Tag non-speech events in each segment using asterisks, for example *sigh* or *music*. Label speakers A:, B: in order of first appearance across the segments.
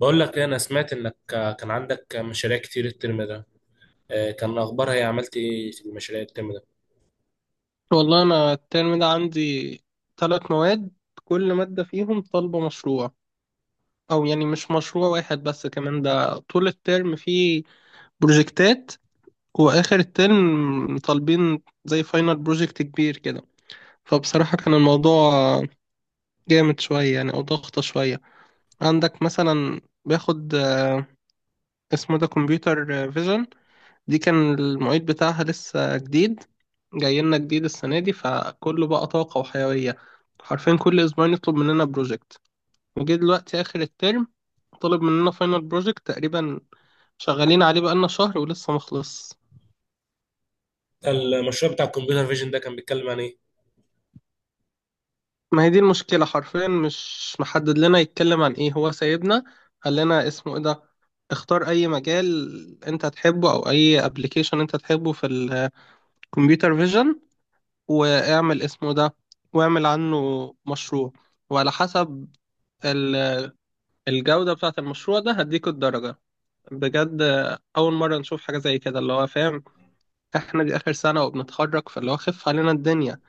A: بقول لك إيه، انا سمعت انك كان عندك مشاريع كتير الترم ده. كان اخبارها ايه؟ عملت ايه في المشاريع الترم ده؟
B: والله أنا الترم ده عندي ثلاث مواد. كل مادة فيهم طالبة مشروع، أو يعني مش مشروع واحد بس، كمان ده طول الترم فيه بروجكتات، وآخر الترم طالبين زي فاينل بروجكت كبير كده. فبصراحة كان الموضوع جامد شوية يعني، أو ضغطة شوية. عندك مثلا باخد اسمه ده كمبيوتر فيجن. دي كان المعيد بتاعها لسه جديد، جاي لنا جديد السنة دي، فكله بقى طاقة وحيوية. حرفيا كل أسبوعين يطلب مننا بروجكت. وجه دلوقتي آخر الترم طلب مننا فاينل بروجكت، تقريبا شغالين عليه بقالنا شهر ولسه مخلص.
A: المشروع بتاع الكمبيوتر فيجن ده كان بيتكلم عن ايه؟
B: ما هي دي المشكلة، حرفيا مش محدد لنا يتكلم عن ايه، هو سايبنا قال لنا اسمه ايه ده، اختار اي مجال انت تحبه او اي ابلكيشن انت تحبه في الكمبيوتر فيجن، واعمل اسمه ده، واعمل عنه مشروع، وعلى حسب ال- الجودة بتاعة المشروع ده هديك الدرجة. بجد أول مرة نشوف حاجة زي كده، اللي هو فاهم احنا دي آخر سنة وبنتخرج، فاللي هو خف علينا الدنيا،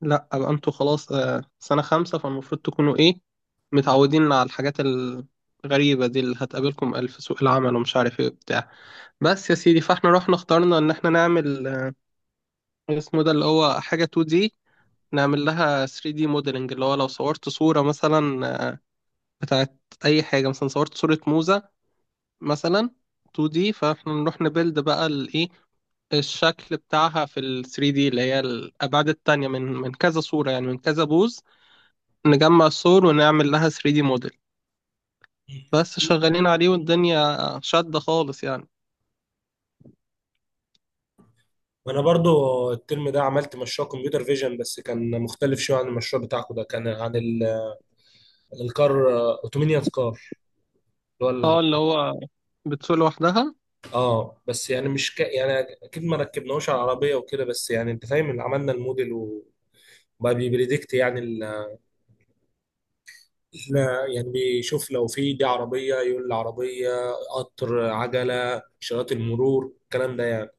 B: لا أبقى انتوا خلاص سنة خمسة، فالمفروض تكونوا ايه متعودين على الحاجات الغريبة دي اللي هتقابلكم ألف سوق العمل ومش عارف ايه بتاع. بس يا سيدي، فاحنا رحنا اخترنا ان احنا نعمل اسمه ده اللي هو حاجة 2D، نعمل لها 3D موديلنج. اللي هو لو صورت صورة مثلا بتاعت أي حاجة، مثلا صورت صورة موزة مثلا 2D، فاحنا نروح نبيلد بقى الإيه، الشكل بتاعها في ال 3D، اللي هي الأبعاد التانية، من كذا صورة، يعني من كذا بوز، نجمع الصور ونعمل لها 3D موديل. بس شغالين عليه والدنيا شادة خالص يعني.
A: انا برضو الترم ده عملت مشروع كمبيوتر فيجن بس كان مختلف شويه عن المشروع بتاعكم. ده كان عن الكار اوتومينيوس كار اللي هو
B: اه، اللي
A: العربية.
B: هو بتسوق لوحدها.
A: اه، بس يعني مش يعني اكيد ما ركبناهوش على العربيه وكده، بس يعني انت فاهم، اللي عملنا الموديل وبقى بيبريدكت يعني. لا يعني بيشوف، لو في دي عربية يقول العربية، قطر، عجلة، إشارات المرور، الكلام ده يعني.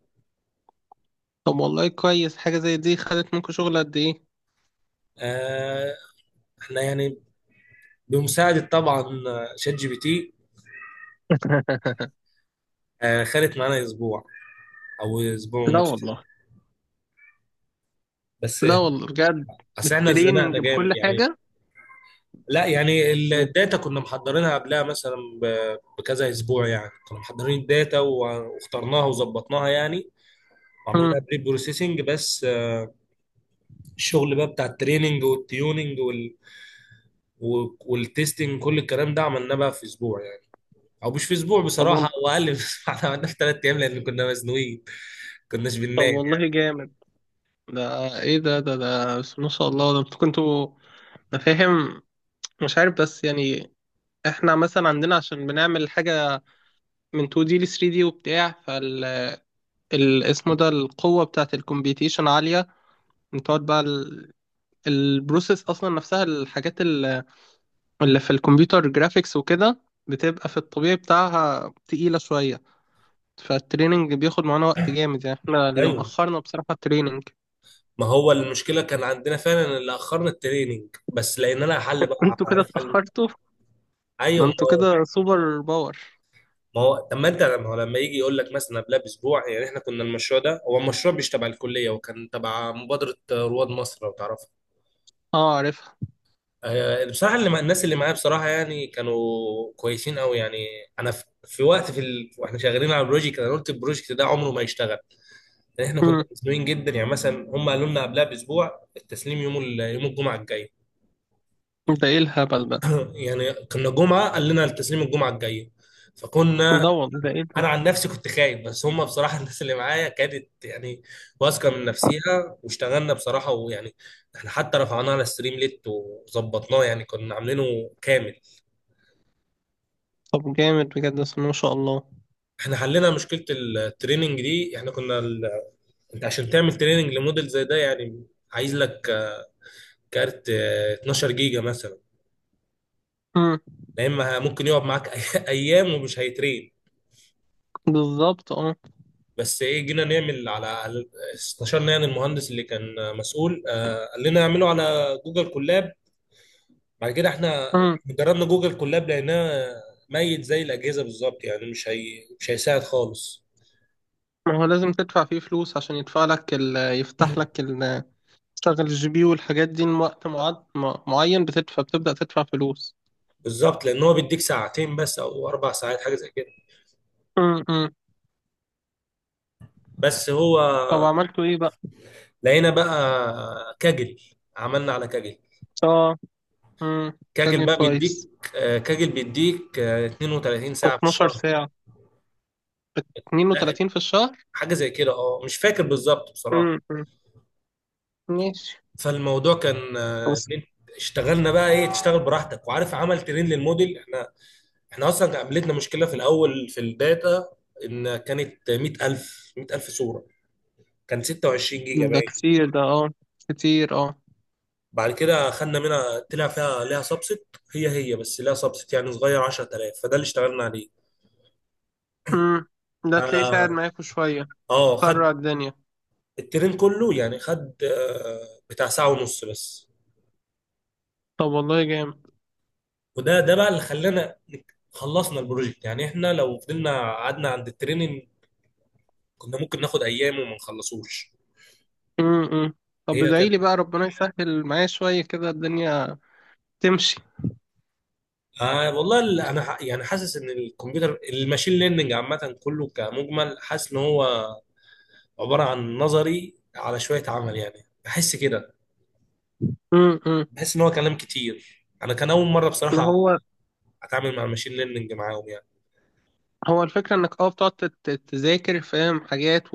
B: طب والله كويس، حاجة زي دي خدت منكم شغل قد إيه؟
A: آه احنا يعني بمساعدة طبعا شات جي بي تي.
B: *laughs*
A: خدت معانا أسبوع أو أسبوع
B: لا
A: ونص.
B: والله.
A: بس،
B: لا والله بجد.
A: أصل احنا اتزنقنا
B: بالتريننج
A: جامد
B: بكل
A: يعني.
B: حاجة.
A: لا يعني
B: و-
A: الداتا كنا محضرينها قبلها مثلا بكذا أسبوع، يعني كنا محضرين الداتا واخترناها وظبطناها يعني.
B: مم.
A: وعملناها بري بروسيسنج بس. الشغل بقى بتاع التريننج والتيوننج والتستنج، كل الكلام ده عملناه بقى في اسبوع يعني. او مش في اسبوع،
B: طب والله.
A: بصراحه هو اقل من اسبوع. *laughs* احنا عملناه في ثلاث ايام لان كنا مزنوقين، كناش
B: طب
A: بننام
B: والله
A: يعني.
B: جامد. ده ايه ده بس ما شاء الله، ده انتوا كنتوا، انا فاهم، مش عارف بس يعني احنا مثلا عندنا عشان بنعمل حاجة من 2D ل 3D وبتاع، فال اسمه ده القوة بتاعة الكمبيوتيشن عالية. بتقعد بقى ال... البروسيس اصلا نفسها، الحاجات اللي في الكمبيوتر جرافيكس وكده بتبقى في الطبيعي بتاعها تقيلة شوية. فالتريننج بياخد معانا وقت جامد، يعني احنا اللي
A: ايوه،
B: مأخرنا بصراحة التريننج.
A: ما هو المشكله كان عندنا فعلا اللي اخرنا التريننج، بس لقينا لها حل بقى،
B: انتوا كده
A: عارف، حل.
B: اتأخرتوا. ده
A: ايوه، ما
B: انتوا
A: هو.
B: كده سوبر باور.
A: ما هو طب ما انت ما هو لما يجي يقول لك مثلا قبلها باسبوع، يعني احنا كنا المشروع ده، هو المشروع مش تبع الكليه وكان تبع مبادره رواد مصر لو تعرف.
B: اه، عارفها.
A: بصراحة اللي مع الناس اللي معايا بصراحة يعني كانوا كويسين قوي يعني. أنا في وقت واحنا شغالين على البروجكت، أنا قلت البروجكت ده عمره ما يشتغل، لأن إحنا كنا
B: مم.
A: مزنوقين جدا يعني. مثلا هم قالوا لنا قبلها بأسبوع التسليم يوم يوم الجمعة الجاية.
B: ده ايه الهبل ده.
A: يعني كنا جمعة قال لنا التسليم الجمعة الجاية، فكنا.
B: ده والله، ده ايه
A: أنا
B: ده.
A: عن نفسي كنت خايف، بس هم بصراحة *laughs* الناس اللي معايا كانت يعني واثقة من نفسيها، واشتغلنا بصراحة ويعني إحنا حتى رفعناه على ستريم ليت وظبطناه، يعني كنا عاملينه كامل.
B: طب جامد بجد، بس ما شاء الله.
A: احنا حلينا مشكله التريننج دي، احنا كنا انت عشان تعمل تريننج لموديل زي ده يعني عايز لك كارت 12 جيجا مثلا.
B: مم.
A: لا، اما ممكن يقعد معاك *laughs* ايام ومش هيترين.
B: بالظبط اه.
A: بس ايه، جينا نعمل استشرنا يعني المهندس اللي كان مسؤول، قال لنا اعمله على جوجل كولاب. بعد كده احنا
B: مم.
A: جربنا جوجل كولاب، لقيناه ميت زي الاجهزه بالظبط، يعني مش هيساعد خالص.
B: ما هو لازم تدفع فيه فلوس عشان يدفع لك ال... يفتح لك، ال... تشتغل الجي بي والحاجات دي وقت معين، بتدفع، بتبدأ تدفع فلوس.
A: بالظبط، لان هو بيديك ساعتين بس او اربع ساعات حاجه زي كده.
B: مم. مم.
A: بس هو
B: طب عملتوا ايه بقى؟
A: لقينا بقى كاجل، عملنا على كاجل.
B: اه. مم.
A: كاجل
B: كان
A: بقى
B: كويس.
A: بيديك آه، كاجل بيديك 32 ساعة في
B: 12
A: الشهر.
B: ساعة.
A: لا،
B: 32 في الشهر.
A: حاجة زي كده اه مش فاكر بالظبط بصراحة.
B: امم. ماشي.
A: فالموضوع كان،
B: بس
A: اشتغلنا بقى ايه، تشتغل براحتك وعارف عمل ترين للموديل، احنا. احنا اصلا قابلتنا مشكلة في الاول في الداتا، ان كانت 100000 صورة، كان 26 جيجا
B: ده
A: باين.
B: كتير ده، اه. كتير اه.
A: بعد كده خدنا منها، طلع فيها ليها سبست، هي هي بس ليها سبست يعني صغير، 10000، فده اللي اشتغلنا
B: امم. ده تلاقيه ساعد
A: عليه.
B: معاكوا شوية،
A: اه، خد
B: سرع الدنيا.
A: الترين كله يعني خد بتاع ساعة ونص بس.
B: طب والله جامد.
A: وده بقى اللي خلانا خلصنا البروجكت، يعني احنا لو فضلنا قعدنا عند التريننج كنا ممكن ناخد ايام وما نخلصوش.
B: امم. طب
A: هي
B: ادعي
A: كانت.
B: لي بقى ربنا يسهل معايا شوية كده الدنيا تمشي.
A: والله يعني حاسس ان الكمبيوتر، الماشين ليرنينج عامة كله كمجمل، حاسس ان هو عبارة عن نظري على شوية عمل، يعني بحس كده،
B: امم.
A: بحس ان هو كلام كتير. انا كان اول مرة
B: اللي
A: بصراحة
B: هو،
A: اتعامل مع الماشين ليرنينج معاهم يعني.
B: هو الفكرة انك اه، بتقعد تذاكر، فاهم، حاجات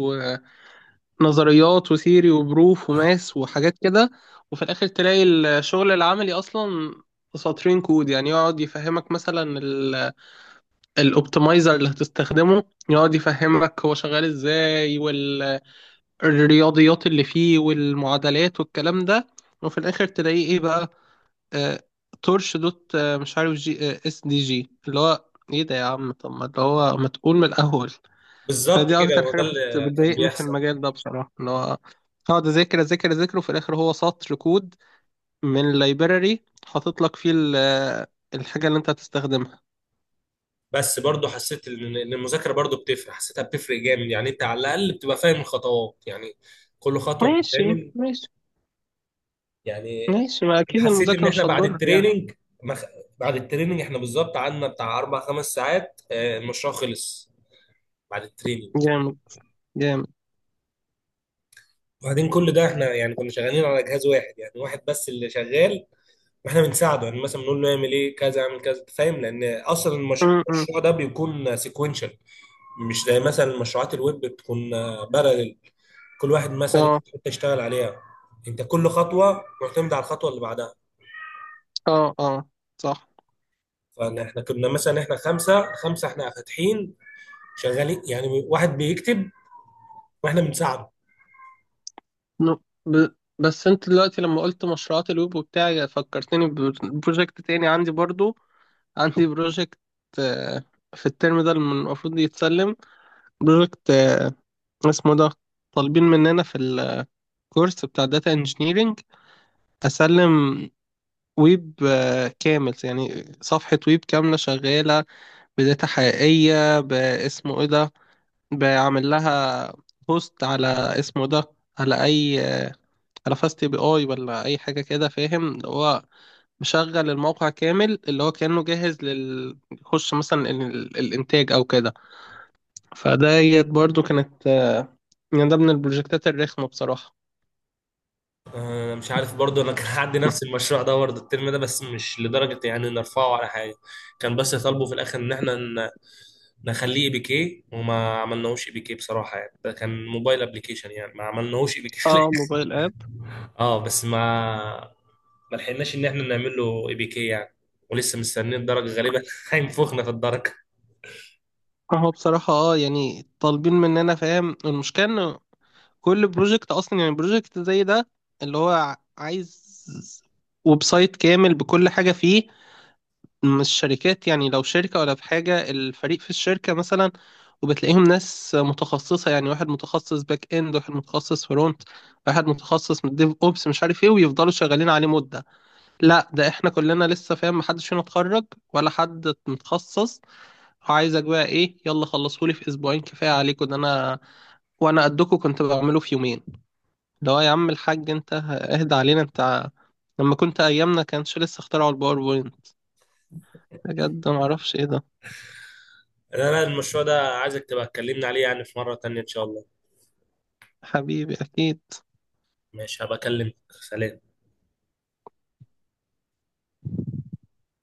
B: ونظريات وثيري وبروف وماس وحاجات كده، وفي الاخر تلاقي الشغل العملي اصلا سطرين كود، يعني يقعد يفهمك مثلا الاوبتمايزر اللي هتستخدمه، يقعد يفهمك هو شغال ازاي، والرياضيات اللي فيه والمعادلات والكلام ده، وفي الاخر تلاقيه ايه بقى، آه تورش دوت مش عارف جي اس دي جي، اللي هو ايه ده يا عم، طب ما اللي هو ما تقول من الاول.
A: بالظبط
B: فدي
A: كده،
B: اكتر
A: هو
B: حاجه
A: ده اللي كان
B: بتضايقني في
A: بيحصل.
B: المجال ده بصراحه، اللي هو اقعد اذاكر اذاكر اذاكر، وفي الاخر هو سطر كود من library حاطط لك فيه الحاجه اللي انت هتستخدمها.
A: بس برضو حسيت ان المذاكره برضو بتفرق، حسيتها بتفرق جامد يعني. انت على الاقل بتبقى فاهم الخطوات، يعني كل خطوه
B: ماشي،
A: بتتعمل
B: ماشي،
A: يعني.
B: ماشي، ما اكيد
A: حسيت ان
B: المذاكره
A: احنا
B: مش
A: بعد
B: هتضر يعني.
A: التريننج مخ... بعد التريننج احنا بالظبط قعدنا بتاع اربع خمس ساعات، المشروع خلص بعد التريننج.
B: جامد جامد.
A: وبعدين كل ده احنا يعني كنا شغالين على جهاز واحد، يعني واحد بس اللي شغال واحنا بنساعده، يعني مثلا بنقول له اعمل ايه، كذا اعمل كذا، فاهم لان اصلا
B: م- م.
A: المشروع ده بيكون سيكونشال. مش زي مثلا مشروعات الويب، بتكون بارلل، كل واحد مثلا
B: اه،
A: ياخد حته يشتغل عليها. انت كل خطوه معتمده على الخطوه اللي بعدها.
B: اه، اه، صح.
A: فاحنا كنا مثلا احنا خمسه خمسه، احنا فاتحين شغالين يعني، واحد بيكتب واحنا بنساعده.
B: ن- ب... بس انت دلوقتي لما قلت مشروعات الويب وبتاع، فكرتني ببروجكت تاني عندي برضو. عندي بروجكت آه، في الترم ده المفروض يتسلم بروجكت اسمه ده، طالبين مننا في الكورس بتاع داتا انجينيرينج، اسلم ويب كامل، يعني صفحة ويب كاملة شغالة بداتا حقيقية باسمه ايه ده، بعمل لها بوست على اسمه ده، على اي، على فاست بي اي ولا اي حاجه كده، فاهم، اللي هو مشغل الموقع كامل، اللي هو كانه جاهز لل يخش مثلا الانتاج او كده. فديت برضو كانت يعني ده من البروجكتات الرخمه بصراحه.
A: انا مش عارف برضه، انا كان عندي نفس المشروع ده برضه الترم ده، بس مش لدرجه يعني نرفعه على حاجه. كان بس طالبه في الاخر ان احنا نخليه اي بي كي، وما عملناهوش اي بي كي بصراحه. يعني ده كان موبايل ابلكيشن، يعني ما عملناهوش اي بي كي.
B: اه،
A: *laughs*
B: موبايل اب.
A: اه، بس ما لحقناش ان احنا نعمل له اي بي كي يعني. ولسه مستنيين الدرجه، غالبا *laughs* هينفخنا في الدرجه.
B: هو بصراحه اه، يعني طالبين مننا، فاهم المشكله، انه كل بروجكت اصلا، يعني بروجكت زي ده اللي هو عايز ويب سايت كامل بكل حاجه فيه. مش شركات يعني، لو شركة ولا في حاجة الفريق في الشركة مثلا، وبتلاقيهم ناس متخصصة يعني، واحد متخصص باك اند، واحد متخصص فرونت، واحد متخصص من ديف اوبس مش عارف ايه، ويفضلوا شغالين عليه مدة. لا، ده احنا كلنا لسه، فاهم، محدش فينا اتخرج ولا حد متخصص، وعايزك بقى ايه، يلا خلصهولي في اسبوعين، كفاية عليكم ده، انا وانا قدكم كنت بعمله في يومين، لو يا عم الحاج انت اهدى علينا انت، لما كنت ايامنا كانش لسه اخترعوا الباوربوينت، بجد ما اعرفش ايه ده.
A: لا لا، المشروع ده عايزك تبقى تكلمنا عليه يعني في مره تانية ان شاء الله.
B: حبيبي أكيد.
A: ماشي، هبقى اكلمك. سلام.